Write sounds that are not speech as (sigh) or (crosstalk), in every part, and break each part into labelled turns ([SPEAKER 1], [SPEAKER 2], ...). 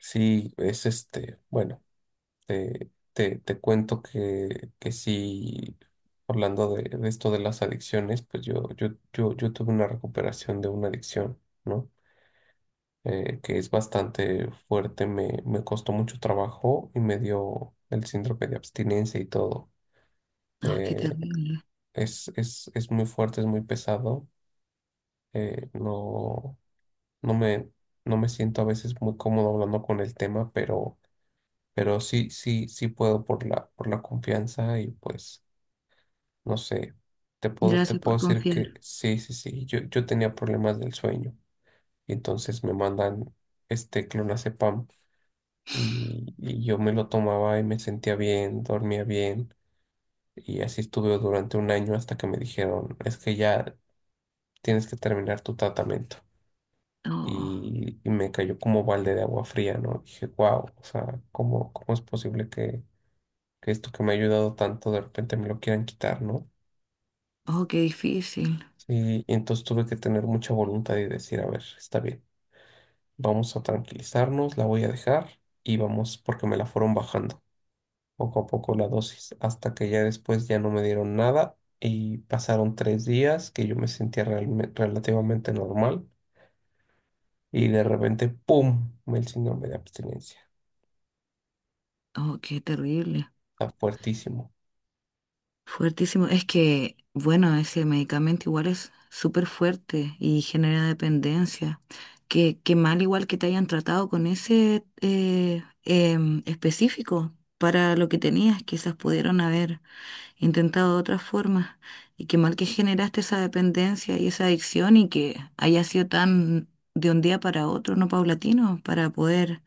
[SPEAKER 1] Sí, es bueno, te cuento que sí, hablando de esto de las adicciones, pues yo tuve una recuperación de una adicción, ¿no? Que es bastante fuerte, me costó mucho trabajo y me dio el síndrome de abstinencia y todo.
[SPEAKER 2] Oh, qué
[SPEAKER 1] Eh,
[SPEAKER 2] terrible.
[SPEAKER 1] es muy fuerte, es muy pesado. No, no me, no me siento a veces muy cómodo hablando con el tema, pero sí puedo por por la confianza y pues, no sé, te
[SPEAKER 2] Gracias
[SPEAKER 1] puedo
[SPEAKER 2] por
[SPEAKER 1] decir que
[SPEAKER 2] confiar.
[SPEAKER 1] yo tenía problemas del sueño, y entonces me mandan este clonazepam, y yo me lo tomaba y me sentía bien, dormía bien, y así estuve durante un año hasta que me dijeron, es que ya tienes que terminar tu tratamiento.
[SPEAKER 2] Oh,
[SPEAKER 1] Y me cayó como balde de agua fría, ¿no? Dije, wow, o sea, cómo es posible que esto que me ha ayudado tanto de repente me lo quieran quitar? ¿No?
[SPEAKER 2] oh, qué difícil.
[SPEAKER 1] Y entonces tuve que tener mucha voluntad y decir, a ver, está bien, vamos a tranquilizarnos, la voy a dejar y vamos, porque me la fueron bajando poco a poco la dosis, hasta que ya después ya no me dieron nada y pasaron 3 días que yo me sentía relativamente normal y de repente, ¡pum!, el síndrome de abstinencia.
[SPEAKER 2] Oh, qué terrible.
[SPEAKER 1] Está fuertísimo.
[SPEAKER 2] Fuertísimo. Es que, bueno, ese medicamento igual es súper fuerte y genera dependencia. Qué mal igual que te hayan tratado con ese específico para lo que tenías. Quizás pudieron haber he intentado de otras formas. Y qué mal que generaste esa dependencia y esa adicción y que haya sido tan de un día para otro, no paulatino, para poder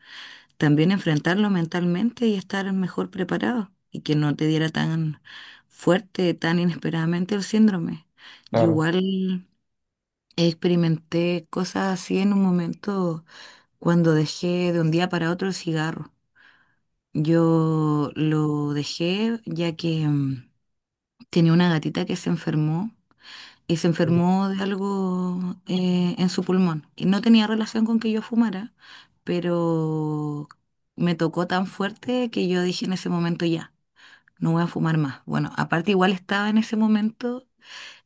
[SPEAKER 2] también enfrentarlo mentalmente y estar mejor preparado y que no te diera tan fuerte, tan inesperadamente el síndrome. Yo
[SPEAKER 1] Claro.
[SPEAKER 2] igual experimenté cosas así en un momento cuando dejé de un día para otro el cigarro. Yo lo dejé ya que tenía una gatita que se enfermó y se enfermó de algo en su pulmón. Y no tenía relación con que yo fumara, pero me tocó tan fuerte que yo dije en ese momento ya, no voy a fumar más. Bueno, aparte igual estaba en ese momento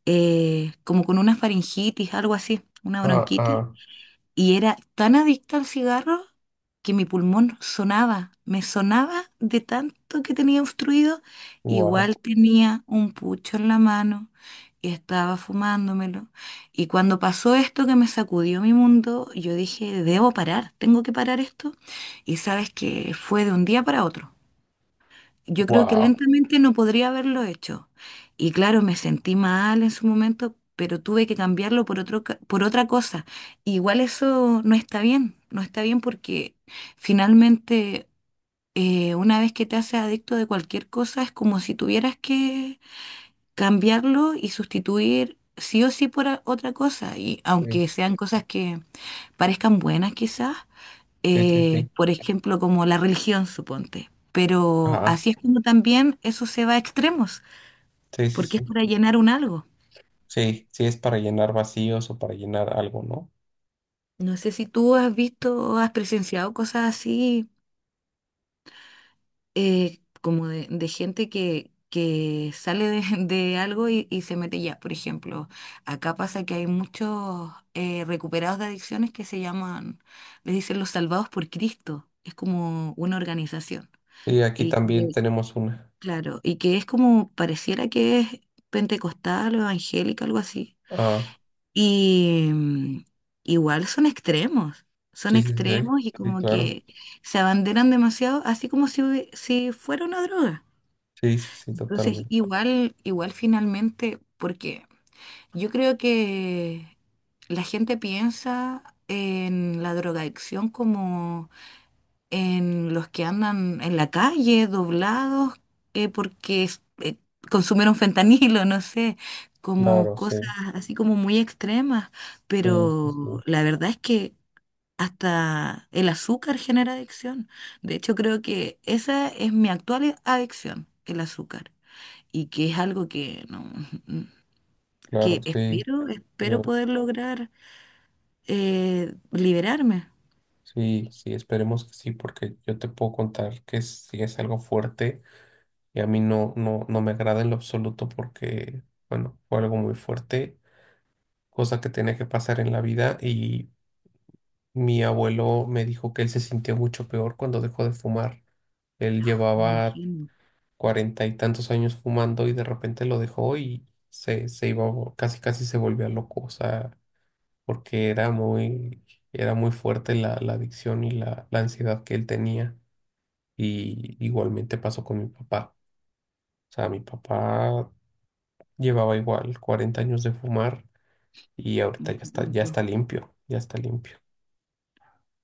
[SPEAKER 2] como con una faringitis, algo así, una
[SPEAKER 1] Ah,
[SPEAKER 2] bronquitis.
[SPEAKER 1] ah,
[SPEAKER 2] Y era tan adicta al cigarro que mi pulmón sonaba, me sonaba de tanto que tenía obstruido.
[SPEAKER 1] wow,
[SPEAKER 2] Igual tenía un pucho en la mano y estaba fumándomelo. Y cuando pasó esto que me sacudió mi mundo, yo dije, debo parar, tengo que parar esto. Y sabes que fue de un día para otro. Yo creo que
[SPEAKER 1] wow.
[SPEAKER 2] lentamente no podría haberlo hecho. Y claro, me sentí mal en su momento, pero tuve que cambiarlo por otro, por otra cosa. Igual eso no está bien, no está bien porque finalmente una vez que te haces adicto de cualquier cosa es como si tuvieras que cambiarlo y sustituir sí o sí por otra cosa. Y
[SPEAKER 1] Sí,
[SPEAKER 2] aunque sean cosas que parezcan buenas quizás,
[SPEAKER 1] sí, sí, sí.
[SPEAKER 2] por ejemplo, como la religión, suponte. Pero
[SPEAKER 1] Ah,
[SPEAKER 2] así es como también eso se va a extremos,
[SPEAKER 1] sí, sí,
[SPEAKER 2] porque
[SPEAKER 1] sí.
[SPEAKER 2] es para llenar un algo.
[SPEAKER 1] Sí, sí es para llenar vacíos o para llenar algo, ¿no?
[SPEAKER 2] No sé si tú has visto, has presenciado cosas así, como de gente que sale de, (laughs) de algo y se mete ya. Por ejemplo, acá pasa que hay muchos recuperados de adicciones que se llaman, les dicen los salvados por Cristo. Es como una organización.
[SPEAKER 1] Y aquí
[SPEAKER 2] Y
[SPEAKER 1] también
[SPEAKER 2] que
[SPEAKER 1] tenemos una.
[SPEAKER 2] claro, y que es como, pareciera que es pentecostal o evangélica, algo así.
[SPEAKER 1] Ah,
[SPEAKER 2] Y igual son
[SPEAKER 1] sí, sí, sí, sí,
[SPEAKER 2] extremos y
[SPEAKER 1] sí,
[SPEAKER 2] como
[SPEAKER 1] claro.
[SPEAKER 2] que se abanderan demasiado, así como si, si fuera una droga.
[SPEAKER 1] Sí, sí, sí,
[SPEAKER 2] Entonces,
[SPEAKER 1] totalmente.
[SPEAKER 2] igual finalmente, porque yo creo que la gente piensa en la drogadicción como en los que andan en la calle doblados porque consumieron (laughs) fentanilo, no sé, como
[SPEAKER 1] Claro, sí,
[SPEAKER 2] cosas así como muy extremas,
[SPEAKER 1] sí, sí,
[SPEAKER 2] pero
[SPEAKER 1] sí,
[SPEAKER 2] la verdad es que hasta el azúcar genera adicción. De hecho, creo que esa es mi actual adicción, el azúcar, y que es algo que no, (laughs)
[SPEAKER 1] claro,
[SPEAKER 2] que
[SPEAKER 1] sí.
[SPEAKER 2] espero, espero
[SPEAKER 1] Yo,
[SPEAKER 2] poder lograr liberarme.
[SPEAKER 1] sí, sí, esperemos que sí, porque yo te puedo contar que sí es algo fuerte. Y a mí no me agrada en lo absoluto porque, bueno, fue algo muy fuerte, cosa que tenía que pasar en la vida. Mi abuelo me dijo que él se sintió mucho peor cuando dejó de fumar. Él llevaba
[SPEAKER 2] Imagino,
[SPEAKER 1] 40 y tantos años fumando y de repente lo dejó y se iba, casi casi se volvía loco, o sea, porque era muy fuerte la adicción y la ansiedad que él tenía. Y igualmente pasó con mi papá. O sea, mi papá llevaba igual 40 años de fumar y ahorita
[SPEAKER 2] mucho
[SPEAKER 1] ya
[SPEAKER 2] tiempo.
[SPEAKER 1] está limpio, ya está limpio.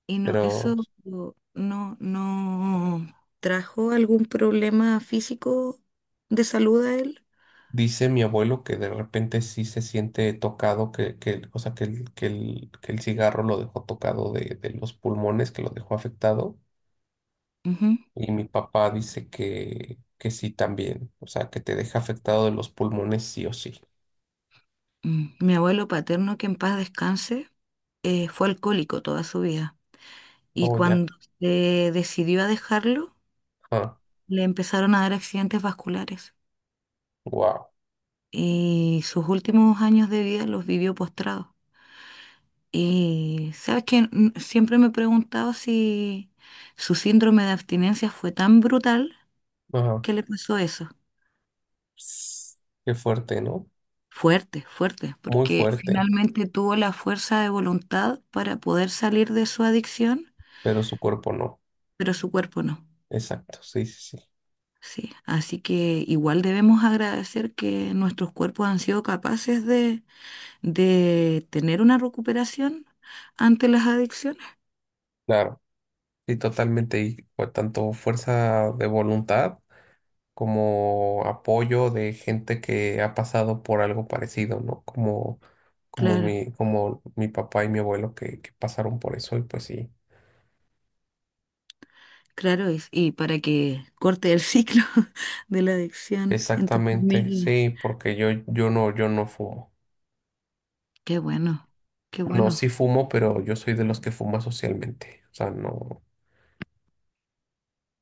[SPEAKER 2] Y no,
[SPEAKER 1] Pero
[SPEAKER 2] eso no trajo algún problema físico de salud a él.
[SPEAKER 1] dice mi abuelo que de repente sí se siente tocado, o sea, que el cigarro lo dejó tocado de los pulmones, que lo dejó afectado.
[SPEAKER 2] Ujú.
[SPEAKER 1] Y mi papá dice que sí también, o sea, que te deja afectado de los pulmones sí o sí.
[SPEAKER 2] Mm. Mi abuelo paterno, que en paz descanse, fue alcohólico toda su vida. Y
[SPEAKER 1] Oh, ya.
[SPEAKER 2] cuando se decidió a dejarlo,
[SPEAKER 1] Ah,
[SPEAKER 2] le empezaron a dar accidentes vasculares.
[SPEAKER 1] wow.
[SPEAKER 2] Y sus últimos años de vida los vivió postrado. Y sabes que siempre me he preguntado si su síndrome de abstinencia fue tan brutal
[SPEAKER 1] Ajá.
[SPEAKER 2] que le pasó eso.
[SPEAKER 1] Ps, qué fuerte, ¿no?
[SPEAKER 2] Fuerte, fuerte,
[SPEAKER 1] Muy
[SPEAKER 2] porque
[SPEAKER 1] fuerte,
[SPEAKER 2] finalmente tuvo la fuerza de voluntad para poder salir de su adicción,
[SPEAKER 1] pero su cuerpo no.
[SPEAKER 2] pero su cuerpo no.
[SPEAKER 1] Exacto, sí, sí, sí.
[SPEAKER 2] Sí, así que igual debemos agradecer que nuestros cuerpos han sido capaces de tener una recuperación ante las adicciones.
[SPEAKER 1] Claro, sí, totalmente. Y por tanto, fuerza de voluntad, como apoyo de gente que ha pasado por algo parecido, ¿no? Como, como
[SPEAKER 2] Claro,
[SPEAKER 1] mi, como mi papá y mi abuelo que pasaron por eso, y pues sí,
[SPEAKER 2] claro, y para que corte el ciclo (laughs) de la adicción en tu
[SPEAKER 1] exactamente,
[SPEAKER 2] familia.
[SPEAKER 1] sí, porque yo no fumo.
[SPEAKER 2] Qué bueno, qué
[SPEAKER 1] No, sí
[SPEAKER 2] bueno.
[SPEAKER 1] fumo, pero yo soy de los que fuma socialmente. O sea, no,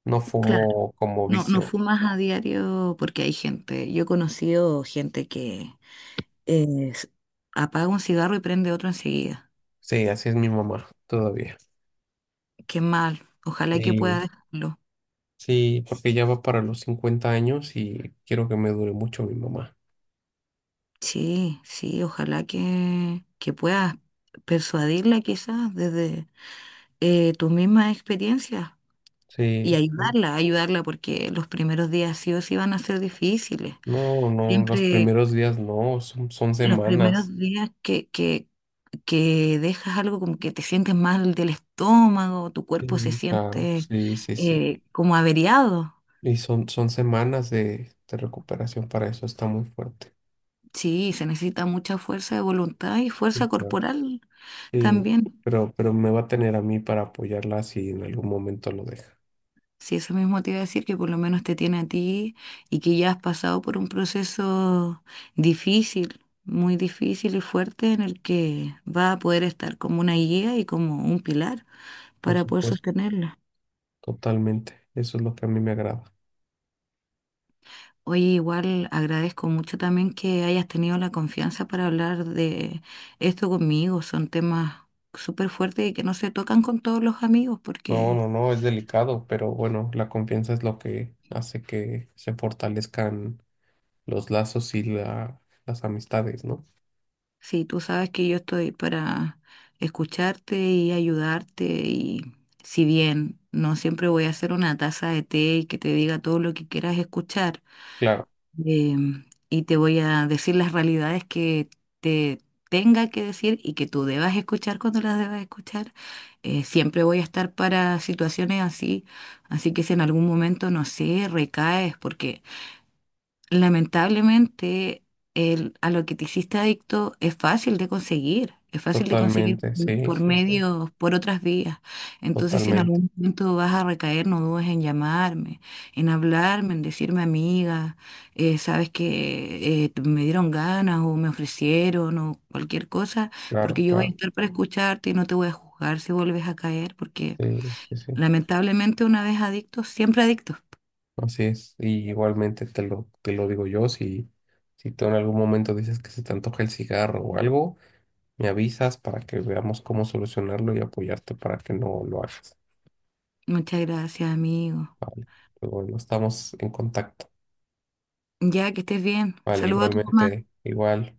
[SPEAKER 1] no
[SPEAKER 2] Claro.
[SPEAKER 1] fumo como
[SPEAKER 2] No, no
[SPEAKER 1] vicio.
[SPEAKER 2] fumas a diario porque hay gente. Yo he conocido gente que eh, s- apaga un cigarro y prende otro enseguida.
[SPEAKER 1] Sí, así es mi mamá todavía.
[SPEAKER 2] Qué mal. Ojalá que
[SPEAKER 1] Y
[SPEAKER 2] pueda dejarlo.
[SPEAKER 1] sí, porque ya va para los 50 años y quiero que me dure mucho mi mamá.
[SPEAKER 2] Sí, sí, ojalá que puedas persuadirla quizás desde tus mismas experiencias y
[SPEAKER 1] Sí, sí.
[SPEAKER 2] ayudarla, ayudarla porque los primeros días sí o sí van a ser difíciles.
[SPEAKER 1] No, no, los
[SPEAKER 2] Siempre
[SPEAKER 1] primeros días no, son
[SPEAKER 2] los
[SPEAKER 1] semanas.
[SPEAKER 2] primeros días que dejas algo como que te sientes mal del estómago, tu cuerpo se
[SPEAKER 1] Sí. Claro,
[SPEAKER 2] siente
[SPEAKER 1] sí, sí, sí.
[SPEAKER 2] como averiado.
[SPEAKER 1] Y son semanas de recuperación para eso, está muy fuerte.
[SPEAKER 2] Sí, se necesita mucha fuerza de voluntad y
[SPEAKER 1] Sí,
[SPEAKER 2] fuerza
[SPEAKER 1] claro.
[SPEAKER 2] corporal
[SPEAKER 1] Sí,
[SPEAKER 2] también.
[SPEAKER 1] pero me va a tener a mí para apoyarla si en algún momento lo deja.
[SPEAKER 2] Sí, eso mismo te iba a decir, que por lo menos te tiene a ti y que ya has pasado por un proceso difícil, muy difícil y fuerte en el que va a poder estar como una guía y como un pilar
[SPEAKER 1] Por
[SPEAKER 2] para poder
[SPEAKER 1] supuesto,
[SPEAKER 2] sostenerla.
[SPEAKER 1] totalmente. Eso es lo que a mí me agrada.
[SPEAKER 2] Oye, igual agradezco mucho también que hayas tenido la confianza para hablar de esto conmigo. Son temas súper fuertes y que no se tocan con todos los amigos,
[SPEAKER 1] No,
[SPEAKER 2] porque
[SPEAKER 1] no, no, es delicado, pero bueno, la confianza es lo que hace que se fortalezcan los lazos y las amistades, ¿no?
[SPEAKER 2] sí, tú sabes que yo estoy para escucharte y ayudarte y si bien no siempre voy a hacer una taza de té y que te diga todo lo que quieras escuchar,
[SPEAKER 1] Claro,
[SPEAKER 2] Y te voy a decir las realidades que te tenga que decir y que tú debas escuchar cuando las debas escuchar. Siempre voy a estar para situaciones así, así que si en algún momento, no sé, recaes, porque lamentablemente, el, a lo que te hiciste adicto es fácil de conseguir, es fácil de conseguir
[SPEAKER 1] totalmente, sí,
[SPEAKER 2] por
[SPEAKER 1] sí, sí.
[SPEAKER 2] medios, por otras vías. Entonces, si en
[SPEAKER 1] Totalmente,
[SPEAKER 2] algún momento vas a recaer, no dudes en llamarme, en hablarme, en decirme, amiga, sabes que me dieron ganas o me ofrecieron o cualquier cosa,
[SPEAKER 1] claro,
[SPEAKER 2] porque yo voy a
[SPEAKER 1] claro,
[SPEAKER 2] estar para escucharte y no te voy a juzgar si vuelves a caer, porque
[SPEAKER 1] sí, sí, sí,
[SPEAKER 2] lamentablemente una vez adicto, siempre adicto.
[SPEAKER 1] así es. Y igualmente te lo digo yo, si tú en algún momento dices que se te antoja el cigarro o algo, me avisas para que veamos cómo solucionarlo y apoyarte para que no lo hagas.
[SPEAKER 2] Muchas gracias, amigo.
[SPEAKER 1] Vale, pero bueno, estamos en contacto.
[SPEAKER 2] Ya, que estés bien.
[SPEAKER 1] Vale,
[SPEAKER 2] Saluda a tu mamá.
[SPEAKER 1] igualmente, igual.